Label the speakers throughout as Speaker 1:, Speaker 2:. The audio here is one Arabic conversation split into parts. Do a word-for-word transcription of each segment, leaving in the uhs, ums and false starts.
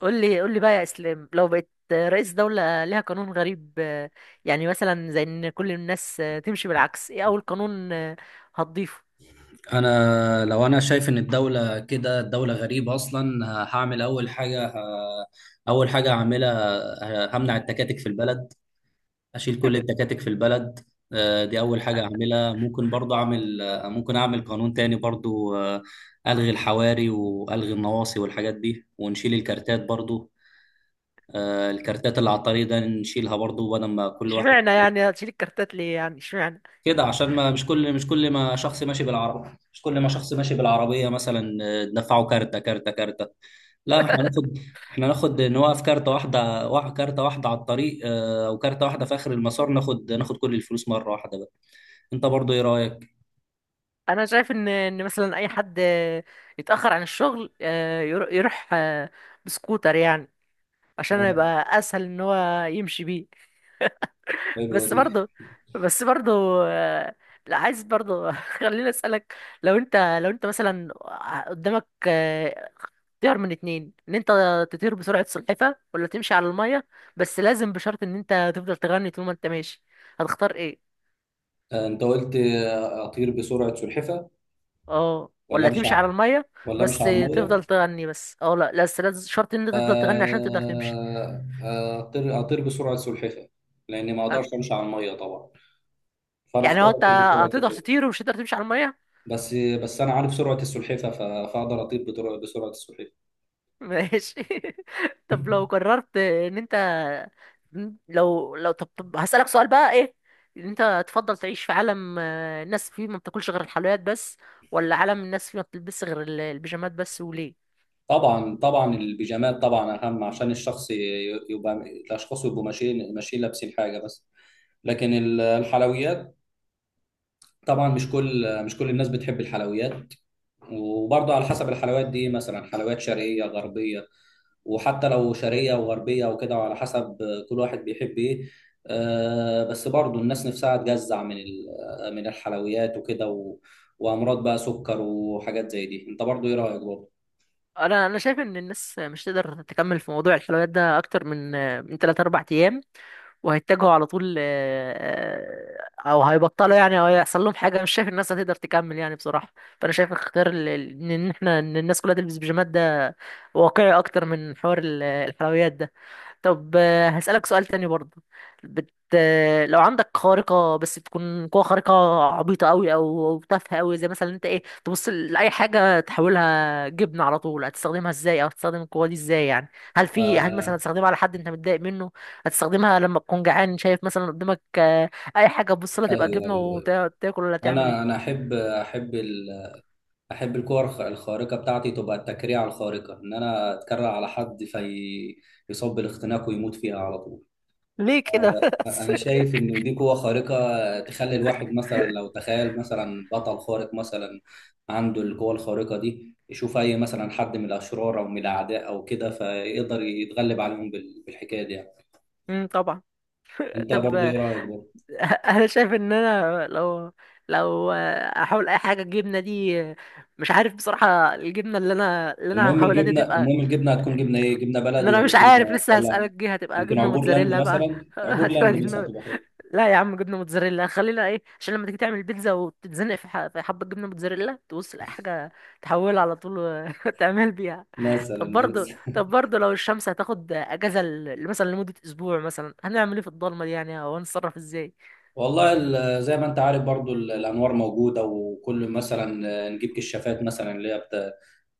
Speaker 1: قول لي قول لي بقى يا اسلام، لو بقيت رئيس دولة ليها قانون غريب آه، يعني مثلا زي ان كل الناس آه، تمشي بالعكس. ايه اول قانون آه، هتضيفه؟
Speaker 2: انا لو انا شايف ان الدوله كده الدوله غريبه اصلا، ه- هعمل اول حاجه. ه- اول حاجه هعملها، ه- همنع التكاتك في البلد. اشيل كل التكاتك في البلد. آه، دي اول حاجه اعملها. ممكن برضه اعمل آه، ممكن اعمل قانون تاني برضه. آه، الغي الحواري والغي النواصي والحاجات دي، ونشيل الكارتات برضه. آه، الكارتات اللي على الطريق ده نشيلها برضه، بدل ما كل واحد
Speaker 1: اشمعنى يعني هتشيل الكارتات ليه؟ يعني اشمعنى؟
Speaker 2: كده. عشان ما مش كل مش كل ما شخص ماشي بالعربية مش كل ما شخص ماشي بالعربية مثلا، آه، ندفعه كارتة كارتة كارتة. لا احنا ناخد، احنا ناخد نوقف كارتة واحدة واحد كارتة واحدة على الطريق، آه، او كارتة واحدة في اخر المسار. ناخد ناخد كل الفلوس مرة واحدة بقى. انت برضو ايه رأيك؟
Speaker 1: انا شايف ان ان مثلا اي حد آه، يتاخر عن الشغل، آه، يرو- يروح آه، بسكوتر يعني، عشان
Speaker 2: آه،
Speaker 1: يبقى اسهل ان هو يمشي بيه.
Speaker 2: حلوة
Speaker 1: بس
Speaker 2: دي.
Speaker 1: برضه بس برضه آه، لا عايز برضه. خليني اسالك. لو انت لو انت مثلا قدامك، تختار من اتنين: ان انت تطير بسرعة سلحفة، ولا تمشي على المية؟ بس لازم بشرط ان انت تفضل تغني طول ما انت ماشي. هتختار ايه؟
Speaker 2: آه، أنت قلت آه، أطير بسرعة سلحفة
Speaker 1: اه،
Speaker 2: ولا
Speaker 1: ولا
Speaker 2: أمشي
Speaker 1: تمشي على
Speaker 2: ع-
Speaker 1: المية؟
Speaker 2: ولا أمشي
Speaker 1: بس
Speaker 2: على المية؟
Speaker 1: تفضل تغني. بس اه، لا، بس لازم شرط ان انت تفضل تغني عشان تقدر تمشي.
Speaker 2: آه، آه، أطير أطير بسرعة سلحفة، لأني ما أقدرش
Speaker 1: أنت-
Speaker 2: أمشي على المية طبعا، فأنا
Speaker 1: يعني
Speaker 2: أختار
Speaker 1: هو انت
Speaker 2: أطير بسرعة
Speaker 1: هتقدر
Speaker 2: سلحفة.
Speaker 1: تطير ومش هتقدر تمشي على المية؟
Speaker 2: بس بس انا عارف سرعه السلحفه، ف- فاقدر اطير بطر- بسرعه السلحفه.
Speaker 1: ماشي. طب لو قررت ان انت، لو لو طب, طب هسألك سؤال بقى: ايه ان انت تفضل تعيش في عالم آه، الناس فيه ما بتاكلش غير الحلويات بس، ولا عالم الناس فيه ما بتلبسش غير ال- البيجامات بس؟ وليه؟
Speaker 2: طبعا طبعا البيجامات طبعا اهم، عشان الشخص ي- يبقى الاشخاص يبقوا ماشيين ماشيين لابسين حاجه بس. لكن ال- الحلويات، طبعا مش كل مش كل الناس بتحب الحلويات. وبرضه على حسب الحلويات دي، مثلا حلويات شرقيه غربيه، وحتى لو شرقية وغربية وكده، وعلى حسب كل واحد بيحب ايه. آه، بس برضو الناس نفسها تجزع من ال- من الحلويات وكده، و- وامراض بقى سكر وحاجات زي دي. انت برضو ايه رأيك برضو؟
Speaker 1: انا انا شايف ان الناس مش تقدر تكمل في موضوع الحلويات ده اكتر من آه، من ثلاثة اربعة ايام، وهيتجهوا على طول آه، آه، او هيبطلوا يعني، او هيحصل لهم حاجه. مش شايف الناس هتقدر تكمل يعني بصراحه. فانا شايف اختيار ال- ال- ان احنا ان الناس كلها تلبس بيجامات ده واقعي اكتر من حوار ال- الحلويات ده. طب آه، هسألك سؤال تاني برضه. بت... آه، لو عندك خارقة، بس تكون قوة خارقة عبيطة أوي، أو أو تافهة أوي، زي مثلا أنت إيه تبص لأي حاجة تحولها جبنة على طول. هتستخدمها إزاي؟ أو هتستخدم القوة دي إزاي يعني؟ هل في هل مثلا
Speaker 2: آه،
Speaker 1: هتستخدمها على حد أنت متضايق منه؟ هتستخدمها لما تكون جعان، شايف مثلا قدامك آه، أي حاجة تبص لها تبقى
Speaker 2: ايوه، ايوه،
Speaker 1: جبنة
Speaker 2: أيوة.
Speaker 1: وتاكل، ولا تعمل
Speaker 2: انا انا
Speaker 1: إيه؟
Speaker 2: احب احب ال... احب الكور الخ- الخارقه، بتاعتي تبقى التكريع الخارقه، ان انا اتكرع على حد في، يصاب بالاختناق ويموت فيها على طول.
Speaker 1: ليه كده بس؟
Speaker 2: انا شايف ان دي قوة خارقة، تخلي الواحد مثلا لو تخيل مثلا بطل خارق مثلا عنده القوة الخارقة دي، يشوف اي مثلا حد من الاشرار او من الاعداء او كده، فيقدر يتغلب عليهم بال- بالحكاية دي يعني.
Speaker 1: امم طبعا.
Speaker 2: انت
Speaker 1: طب.
Speaker 2: برضو ايه رأيك برضو؟
Speaker 1: انا شايف ان انا لو، لو احاول اي حاجه الجبنه دي، مش عارف بصراحه. الجبنه اللي انا اللي انا
Speaker 2: المهم
Speaker 1: هحاولها دي
Speaker 2: الجبنة
Speaker 1: تبقى،
Speaker 2: المهم الجبنة هتكون جبنة ايه؟ جبنة
Speaker 1: ان
Speaker 2: بلدي
Speaker 1: انا مش
Speaker 2: ولا
Speaker 1: عارف
Speaker 2: جبنة
Speaker 1: لسه.
Speaker 2: ولا؟
Speaker 1: هسألك، دي هتبقى
Speaker 2: يمكن
Speaker 1: جبنه
Speaker 2: عبور لاند
Speaker 1: موتزاريلا بقى؟
Speaker 2: مثلا، عبور
Speaker 1: هتبقى
Speaker 2: لاند مثلا
Speaker 1: جبنه.
Speaker 2: تبقى حلو
Speaker 1: لا يا عم، جبنه موتزاريلا، خلينا ايه، عشان لما تيجي تعمل بيتزا وتتزنق في ح- في حبه جبنه موتزاريلا، تبص لاي حاجه تحولها على طول و- وتعمل بيها. طب
Speaker 2: مثلا.
Speaker 1: برضه
Speaker 2: لسه؟
Speaker 1: طب برضه لو الشمس هتاخد اجازه ل- مثلا لمده اسبوع مثلا، هنعمل ايه في الضلمه دي يعني؟ او هنتصرف ازاي؟
Speaker 2: والله، ال- زي ما انت عارف برضو، ال- الانوار موجودة، وكل مثلا نجيب كشافات مثلا، اللي هي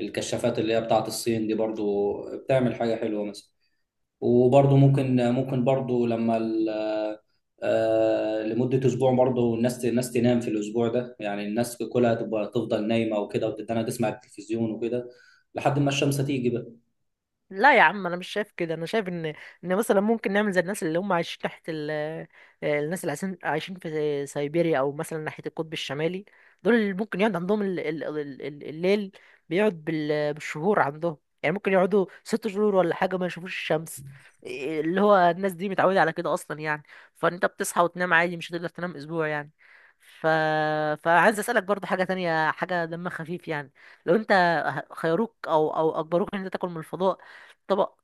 Speaker 2: الكشافات اللي هي بتاعت الصين دي برضو، بتعمل حاجة حلوة مثلا. وبرضو ممكن ممكن برضو لما ال- آه، لمدة أسبوع، برضو الناس الناس تنام في الأسبوع ده. يعني الناس كلها تبقى تفضل نايمة وكده، وتتنى تسمع التلفزيون وكده، لحد ما الشمس تيجي بقى.
Speaker 1: لا يا عم انا مش شايف كده. انا شايف ان ان مثلا ممكن نعمل زي الناس اللي هم عايشين تحت ال... الناس اللي عايشين عايشين في سيبيريا، او مثلا ناحيه القطب الشمالي. دول اللي ممكن يقعد عندهم ال... ال... ال... ال- الليل. بيقعد بال... بالشهور عندهم. يعني ممكن يقعدوا ست شهور ولا حاجه ما يشوفوش الشمس. إيه اللي هو الناس دي متعوده على كده اصلا يعني، فانت بتصحى وتنام عادي، مش هتقدر تنام اسبوع يعني. ف... فعايز اسالك برضه حاجه تانية، حاجه دمها خفيف يعني. لو انت خيروك او او اجبروك ان انت تاكل من الفضاء طبق،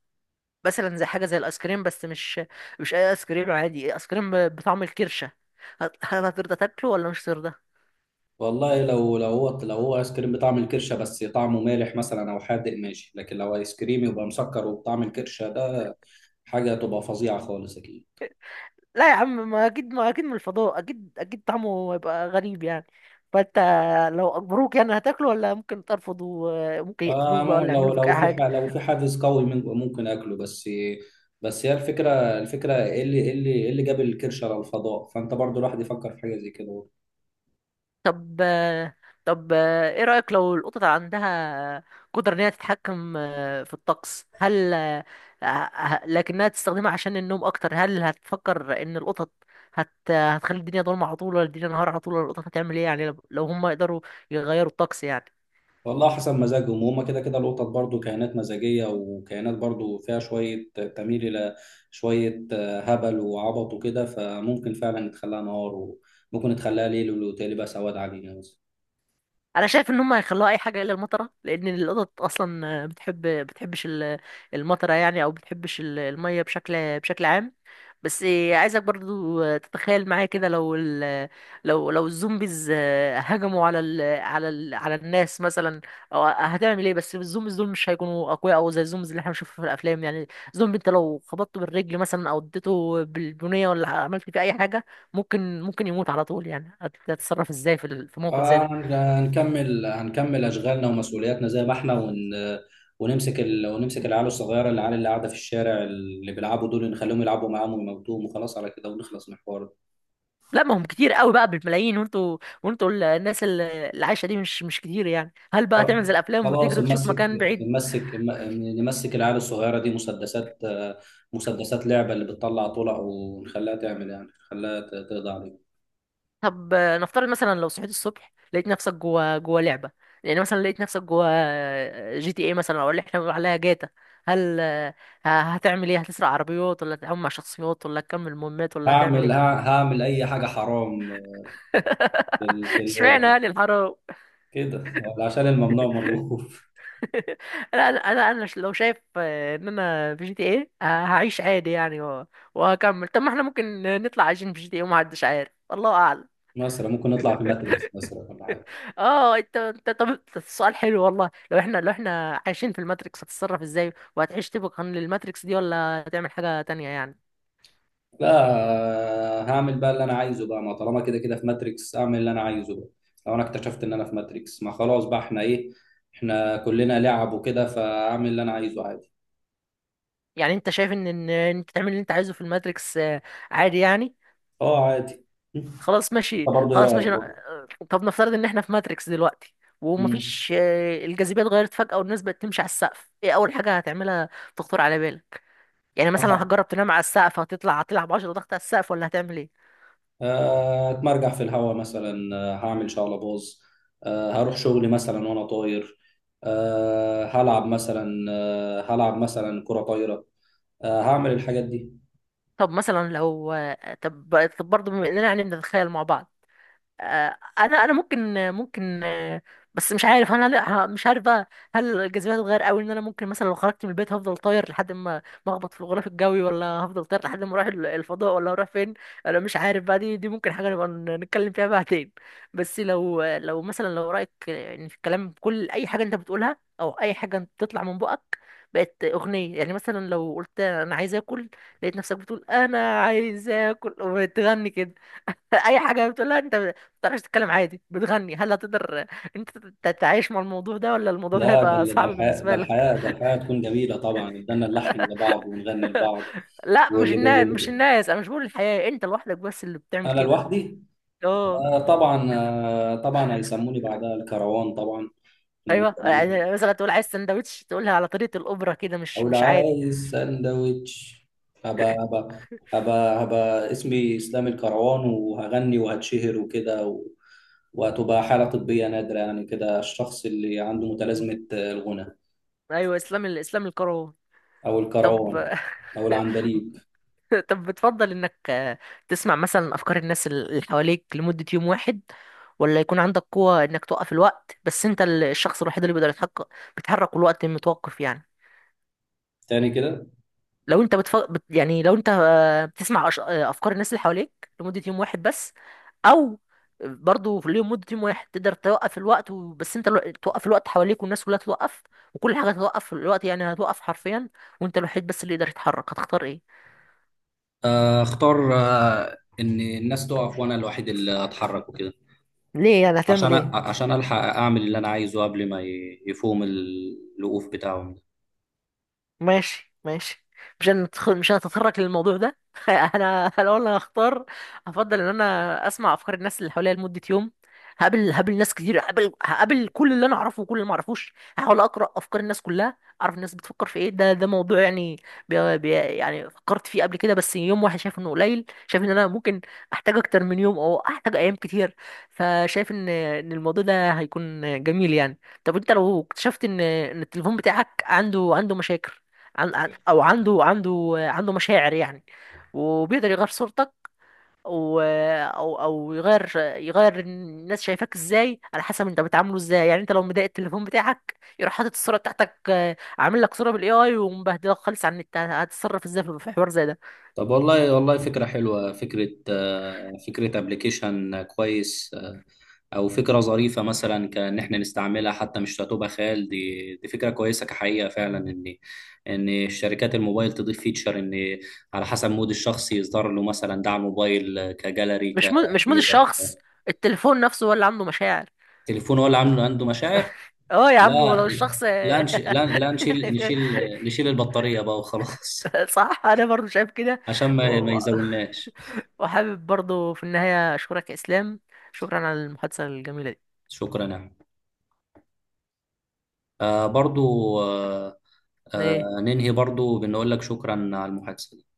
Speaker 1: مثلا زي حاجه زي الايس كريم، بس مش، مش اي ايس كريم عادي. ايس كريم ب- بطعم الكرشه. هت- هل هترضى تاكله ولا مش هترضى؟
Speaker 2: والله لو لو هو لو هو ايس كريم بطعم الكرشه بس طعمه مالح مثلا او حادق، ماشي. لكن لو ايس كريم يبقى مسكر وبطعم الكرشه ده، حاجه تبقى فظيعه خالص اكيد.
Speaker 1: لا يا عم، ما اكيد، ما اكيد من الفضاء اكيد اكيد طعمه هيبقى غريب يعني. فانت لو اجبروك يعني هتاكله؟ ولا ممكن ترفض وممكن
Speaker 2: آه
Speaker 1: يقتلوك بقى
Speaker 2: مو-
Speaker 1: ولا
Speaker 2: لو
Speaker 1: يعملوا فيك
Speaker 2: لو
Speaker 1: اي
Speaker 2: في ح-
Speaker 1: حاجه؟
Speaker 2: لو في حافز قوي من- ممكن اكله، بس. بس هي الفكره، الفكره ايه اللي ايه اللي ايه اللي جاب الكرش على الفضاء؟ فانت برضو، الواحد يفكر في حاجه زي كده برضه.
Speaker 1: طب طب ايه رأيك لو القطط عندها قدرة ان هي تتحكم في الطقس؟ هل، ه- لكنها تستخدمها عشان النوم اكتر. هل هتفكر ان القطط هت... هتخلي الدنيا ضلمة على طول، ولا الدنيا نهار على طول، ولا القطط هتعمل ايه يعني لو لو هم يقدروا يغيروا الطقس يعني؟
Speaker 2: والله حسب مزاجهم، وهم كده كده القطط برضو كائنات مزاجيه، وكائنات برضو فيها شويه تميل الى شويه آه، هبل وعبط وكده، فممكن فعلا نتخلاها نهار، وممكن نتخلاها ليل، والتالي بقى سواد علينا.
Speaker 1: انا شايف ان هم هيخلوها اي حاجه الا المطره، لان القطط اصلا بتحب، بتحبش ال- المطره يعني، او بتحبش ال- الميه بشكل بشكل عام. بس عايزك برضو تتخيل معايا كده. لو ال... لو لو الزومبيز هجموا على ال... على ال... على الناس مثلا، او هتعمل ايه؟ بس الزومبيز دول مش هيكونوا اقوياء او زي الزومبيز اللي احنا بنشوفها في الافلام يعني. زومبي انت لو خبطته بالرجل مثلا، او اديته بالبنيه، ولا عملت فيه اي حاجه ممكن ممكن يموت على طول يعني. هت- هتتصرف ازاي في ال- في موقف زي
Speaker 2: آه
Speaker 1: ده؟
Speaker 2: هن- هنكمل هنكمل اشغالنا ومسؤولياتنا زي ما احنا، ون ونمسك ال... ونمسك العيال الصغيره، العيال اللي قاعده في الشارع اللي بيلعبوا دول، نخليهم يلعبوا معاهم ويموتوهم، وخلاص على كده ونخلص من الحوار ده.
Speaker 1: لا ما هم كتير قوي بقى بالملايين، وانتوا وانتوا ال- الناس ال- اللي عايشه دي مش مش كتير يعني. هل بقى تعمل زي الافلام
Speaker 2: خلاص،
Speaker 1: وتجري وتشوف
Speaker 2: نمسك
Speaker 1: مكان بعيد؟
Speaker 2: نمسك نمسك العيال الصغيره دي مسدسات، آه، مسدسات لعبه اللي بتطلع طلق، ونخليها تعمل يعني، نخليها ت- تقضي عليهم.
Speaker 1: طب آه، نفترض مثلا لو صحيت الصبح لقيت نفسك جوا، جوا لعبه. يعني مثلا لقيت نفسك جوا جي تي اي مثلا، او اللي احنا بنقول عليها جاتا. هل آه، ه- هتعمل ايه؟ هتسرق عربيات، ولا هتتعامل مع شخصيات، ولا هتكمل مهمات، ولا هتعمل
Speaker 2: هعمل ه-
Speaker 1: ايه؟
Speaker 2: هعمل اي حاجه حرام في ال... في
Speaker 1: اشمعنى
Speaker 2: الواقع،
Speaker 1: يعني الحرام؟
Speaker 2: كده عشان الممنوع مرغوب.
Speaker 1: انا انا انا لو شايف آه، ان انا في جي تي ايه، آه، هعيش عادي يعني و- وهكمل. طب ما احنا ممكن نطلع عايشين في جي تي ايه ومحدش عارف، الله اعلم.
Speaker 2: مثلا ممكن نطلع في ماتريكس مثلا ولا حاجه.
Speaker 1: اه انت، انت طب أنت، السؤال حلو والله. لو احنا، لو احنا عايشين في الماتريكس، هتتصرف ازاي؟ وهتعيش طبقا للماتريكس دي، ولا هتعمل حاجة تانية يعني؟
Speaker 2: لا، هعمل بقى اللي انا عايزه بقى، ما طالما كده كده في ماتريكس، اعمل اللي انا عايزه بقى. لو انا اكتشفت ان انا في ماتريكس، ما خلاص بقى، احنا ايه؟ احنا كلنا لعب وكده، فاعمل اللي انا عايزه عادي.
Speaker 1: يعني انت شايف ان ان إن انت تعمل اللي انت عايزه في الماتريكس آه، عادي يعني.
Speaker 2: اه، عادي. م.
Speaker 1: خلاص
Speaker 2: انت
Speaker 1: ماشي،
Speaker 2: برضه ايه
Speaker 1: خلاص ماشي،
Speaker 2: رايك برضه؟
Speaker 1: آه، طب نفترض ان احنا في ماتريكس دلوقتي،
Speaker 2: مم.
Speaker 1: ومفيش آه، الجاذبيه اتغيرت فجاه والناس بقت تمشي على السقف. ايه اول حاجه هتعملها تخطر على بالك؟ يعني مثلا
Speaker 2: أح-
Speaker 1: هتجرب تنام على السقف، هتطلع هتلعب 10 ضغط على السقف، ولا هتعمل ايه؟
Speaker 2: آه، اتمرجح في الهوا مثلا. آه، هعمل شقلباز. آه، هروح شغلي مثلا وانا طاير. آه، هلعب مثلا آه، هلعب مثلا كرة طايرة. آه، هعمل الحاجات دي.
Speaker 1: طب مثلا لو آه، طب طب برضه، بما اننا يعني بنتخيل مع بعض آه، انا انا ممكن، ممكن آه، بس مش عارف انا، لا مش عارف بقى. هل الجاذبيه هتتغير قوي ان انا ممكن مثلا لو خرجت من البيت هفضل طاير لحد ما ما اخبط في الغلاف الجوي، ولا هفضل طاير لحد ما اروح ال- الفضاء، ولا هروح فين؟ انا مش عارف بقى. دي دي ممكن حاجه نبقى ن- نتكلم فيها بعدين. بس لو، لو مثلا، لو رايك يعني في الكلام، كل اي حاجه انت بتقولها او اي حاجه انت بتطلع من بقك بقت اغنيه، يعني مثلا لو قلت انا عايز اكل، لقيت نفسك بتقول انا عايز اكل وتغني كده. اي حاجه بتقولها انت تعرفش تتكلم عادي، بتغني. هل هتقدر انت تتعايش مع الموضوع ده، ولا الموضوع ده
Speaker 2: لا، ده
Speaker 1: هيبقى
Speaker 2: ال- ده
Speaker 1: صعب
Speaker 2: الحياة ده
Speaker 1: بالنسبه لك؟
Speaker 2: الحياة ده الحياة تكون جميلة طبعا، قدرنا نلحن لبعض ونغني لبعض.
Speaker 1: لا، مش
Speaker 2: واللي بي
Speaker 1: الناس
Speaker 2: واللي
Speaker 1: مش
Speaker 2: بي
Speaker 1: الناس انا مش بقول الحياه، انت لوحدك بس اللي بتعمل
Speaker 2: أنا
Speaker 1: كده.
Speaker 2: لوحدي.
Speaker 1: اه.
Speaker 2: آه طبعا آه طبعا هيسموني بعدها الكروان طبعا، لأن
Speaker 1: ايوه،
Speaker 2: كلامي،
Speaker 1: يعني مثلا تقول عايز سندوتش تقولها على طريقه الاوبرا كده، مش،
Speaker 2: أو لو
Speaker 1: مش عادي.
Speaker 2: عايز سندوتش، هبقى هبقى هبقى هبقى اسمي إسلام الكروان، وهغني وهتشهر وكده، و... وهتبقى حالة طبية نادرة يعني كده، الشخص اللي عنده متلازمة الغنى،
Speaker 1: ايوه اسلام ال- اسلام القرار.
Speaker 2: أو
Speaker 1: طب.
Speaker 2: الكروان، أو العندليب.
Speaker 1: طب بتفضل انك آه، تسمع مثلا افكار الناس اللي حواليك لمدة يوم واحد، ولا يكون عندك قوة انك توقف الوقت، بس انت ال- الشخص الوحيد اللي بيقدر يتحقق، بيتحرك والوقت متوقف يعني؟
Speaker 2: تاني كده؟
Speaker 1: لو انت بتف... بت... يعني لو انت آه، بتسمع أش- آه، افكار الناس اللي حواليك لمدة يوم واحد بس، او برضه في اليوم مدة يوم واحد تقدر توقف الوقت، و... بس انت الو- توقف الوقت حواليك والناس كلها توقف، وكل حاجة هتوقف في الوقت يعني هتوقف حرفيا، وانت الوحيد بس اللي يقدر يتحرك. هتختار ايه؟
Speaker 2: آه، اختار آه، ان الناس تقف وانا الوحيد اللي اتحرك وكده،
Speaker 1: ليه يعني؟ هتعمل
Speaker 2: عشان
Speaker 1: ايه؟
Speaker 2: أ- عشان الحق اعمل اللي انا عايزه قبل ما ي- يفوهم ال- الوقوف بتاعهم ده.
Speaker 1: ماشي، ماشي. مش هندخل مش هنتطرق للموضوع ده. انا لو انا هختار، افضل ان انا اسمع افكار الناس اللي حواليا لمده يوم. هقابل هقابل ناس كتير، هقابل هقابل كل اللي انا اعرفه وكل اللي ما اعرفوش. هحاول اقرا افكار الناس كلها، اعرف الناس بتفكر في ايه. ده ده موضوع يعني بي بي يعني فكرت فيه قبل كده، بس يوم واحد شايف انه قليل. شايف ان انا ممكن احتاج اكتر من يوم، او احتاج ايام كتير. فشايف ان ان الموضوع ده هيكون جميل يعني. طب انت لو اكتشفت ان ان التليفون بتاعك عنده عنده مشاكل، عن عن او عنده، عنده عنده مشاعر يعني، وبيقدر يغير صورتك و او او يغير، يغير الناس شايفاك ازاي على حسب انت بتعامله ازاي يعني. انت لو مضايق التليفون بتاعك يروح حاطط الصوره بتاعتك آه، عامل لك صوره بالاي اي ومبهدلك خالص عن النت. هتتصرف ازاي في في حوار زي ده؟
Speaker 2: طب والله، والله فكرة حلوة، فكرة آه، فكرة ابلكيشن كويس. آه، او فكرة ظريفة مثلا، كان احنا نستعملها، حتى مش هتبقى خيال، دي دي فكرة كويسة كحقيقة فعلا، ان ان شركات الموبايل تضيف فيتشر، ان على حسب مود الشخص يصدر له مثلا دعم موبايل كجاليري
Speaker 1: مش مود مش مود
Speaker 2: كفيبر.
Speaker 1: الشخص، التليفون نفسه هو اللي عنده مشاعر.
Speaker 2: التليفون هو اللي عامله عنده مشاعر،
Speaker 1: اه يا عم
Speaker 2: لا
Speaker 1: ولو الشخص
Speaker 2: لا نش... لا لا نشيل نشيل نشيل البطارية بقى وخلاص،
Speaker 1: صح، انا برضو شايف كده.
Speaker 2: عشان
Speaker 1: و...
Speaker 2: ما ما
Speaker 1: و-
Speaker 2: يزولناش.
Speaker 1: وحابب برضو في النهاية اشكرك يا اسلام، شكرا على المحادثة الجميلة دي.
Speaker 2: شكرا يعني. آه برضو. آه آه
Speaker 1: ايه؟
Speaker 2: ننهي برضو بنقول لك شكرا على المحادثة.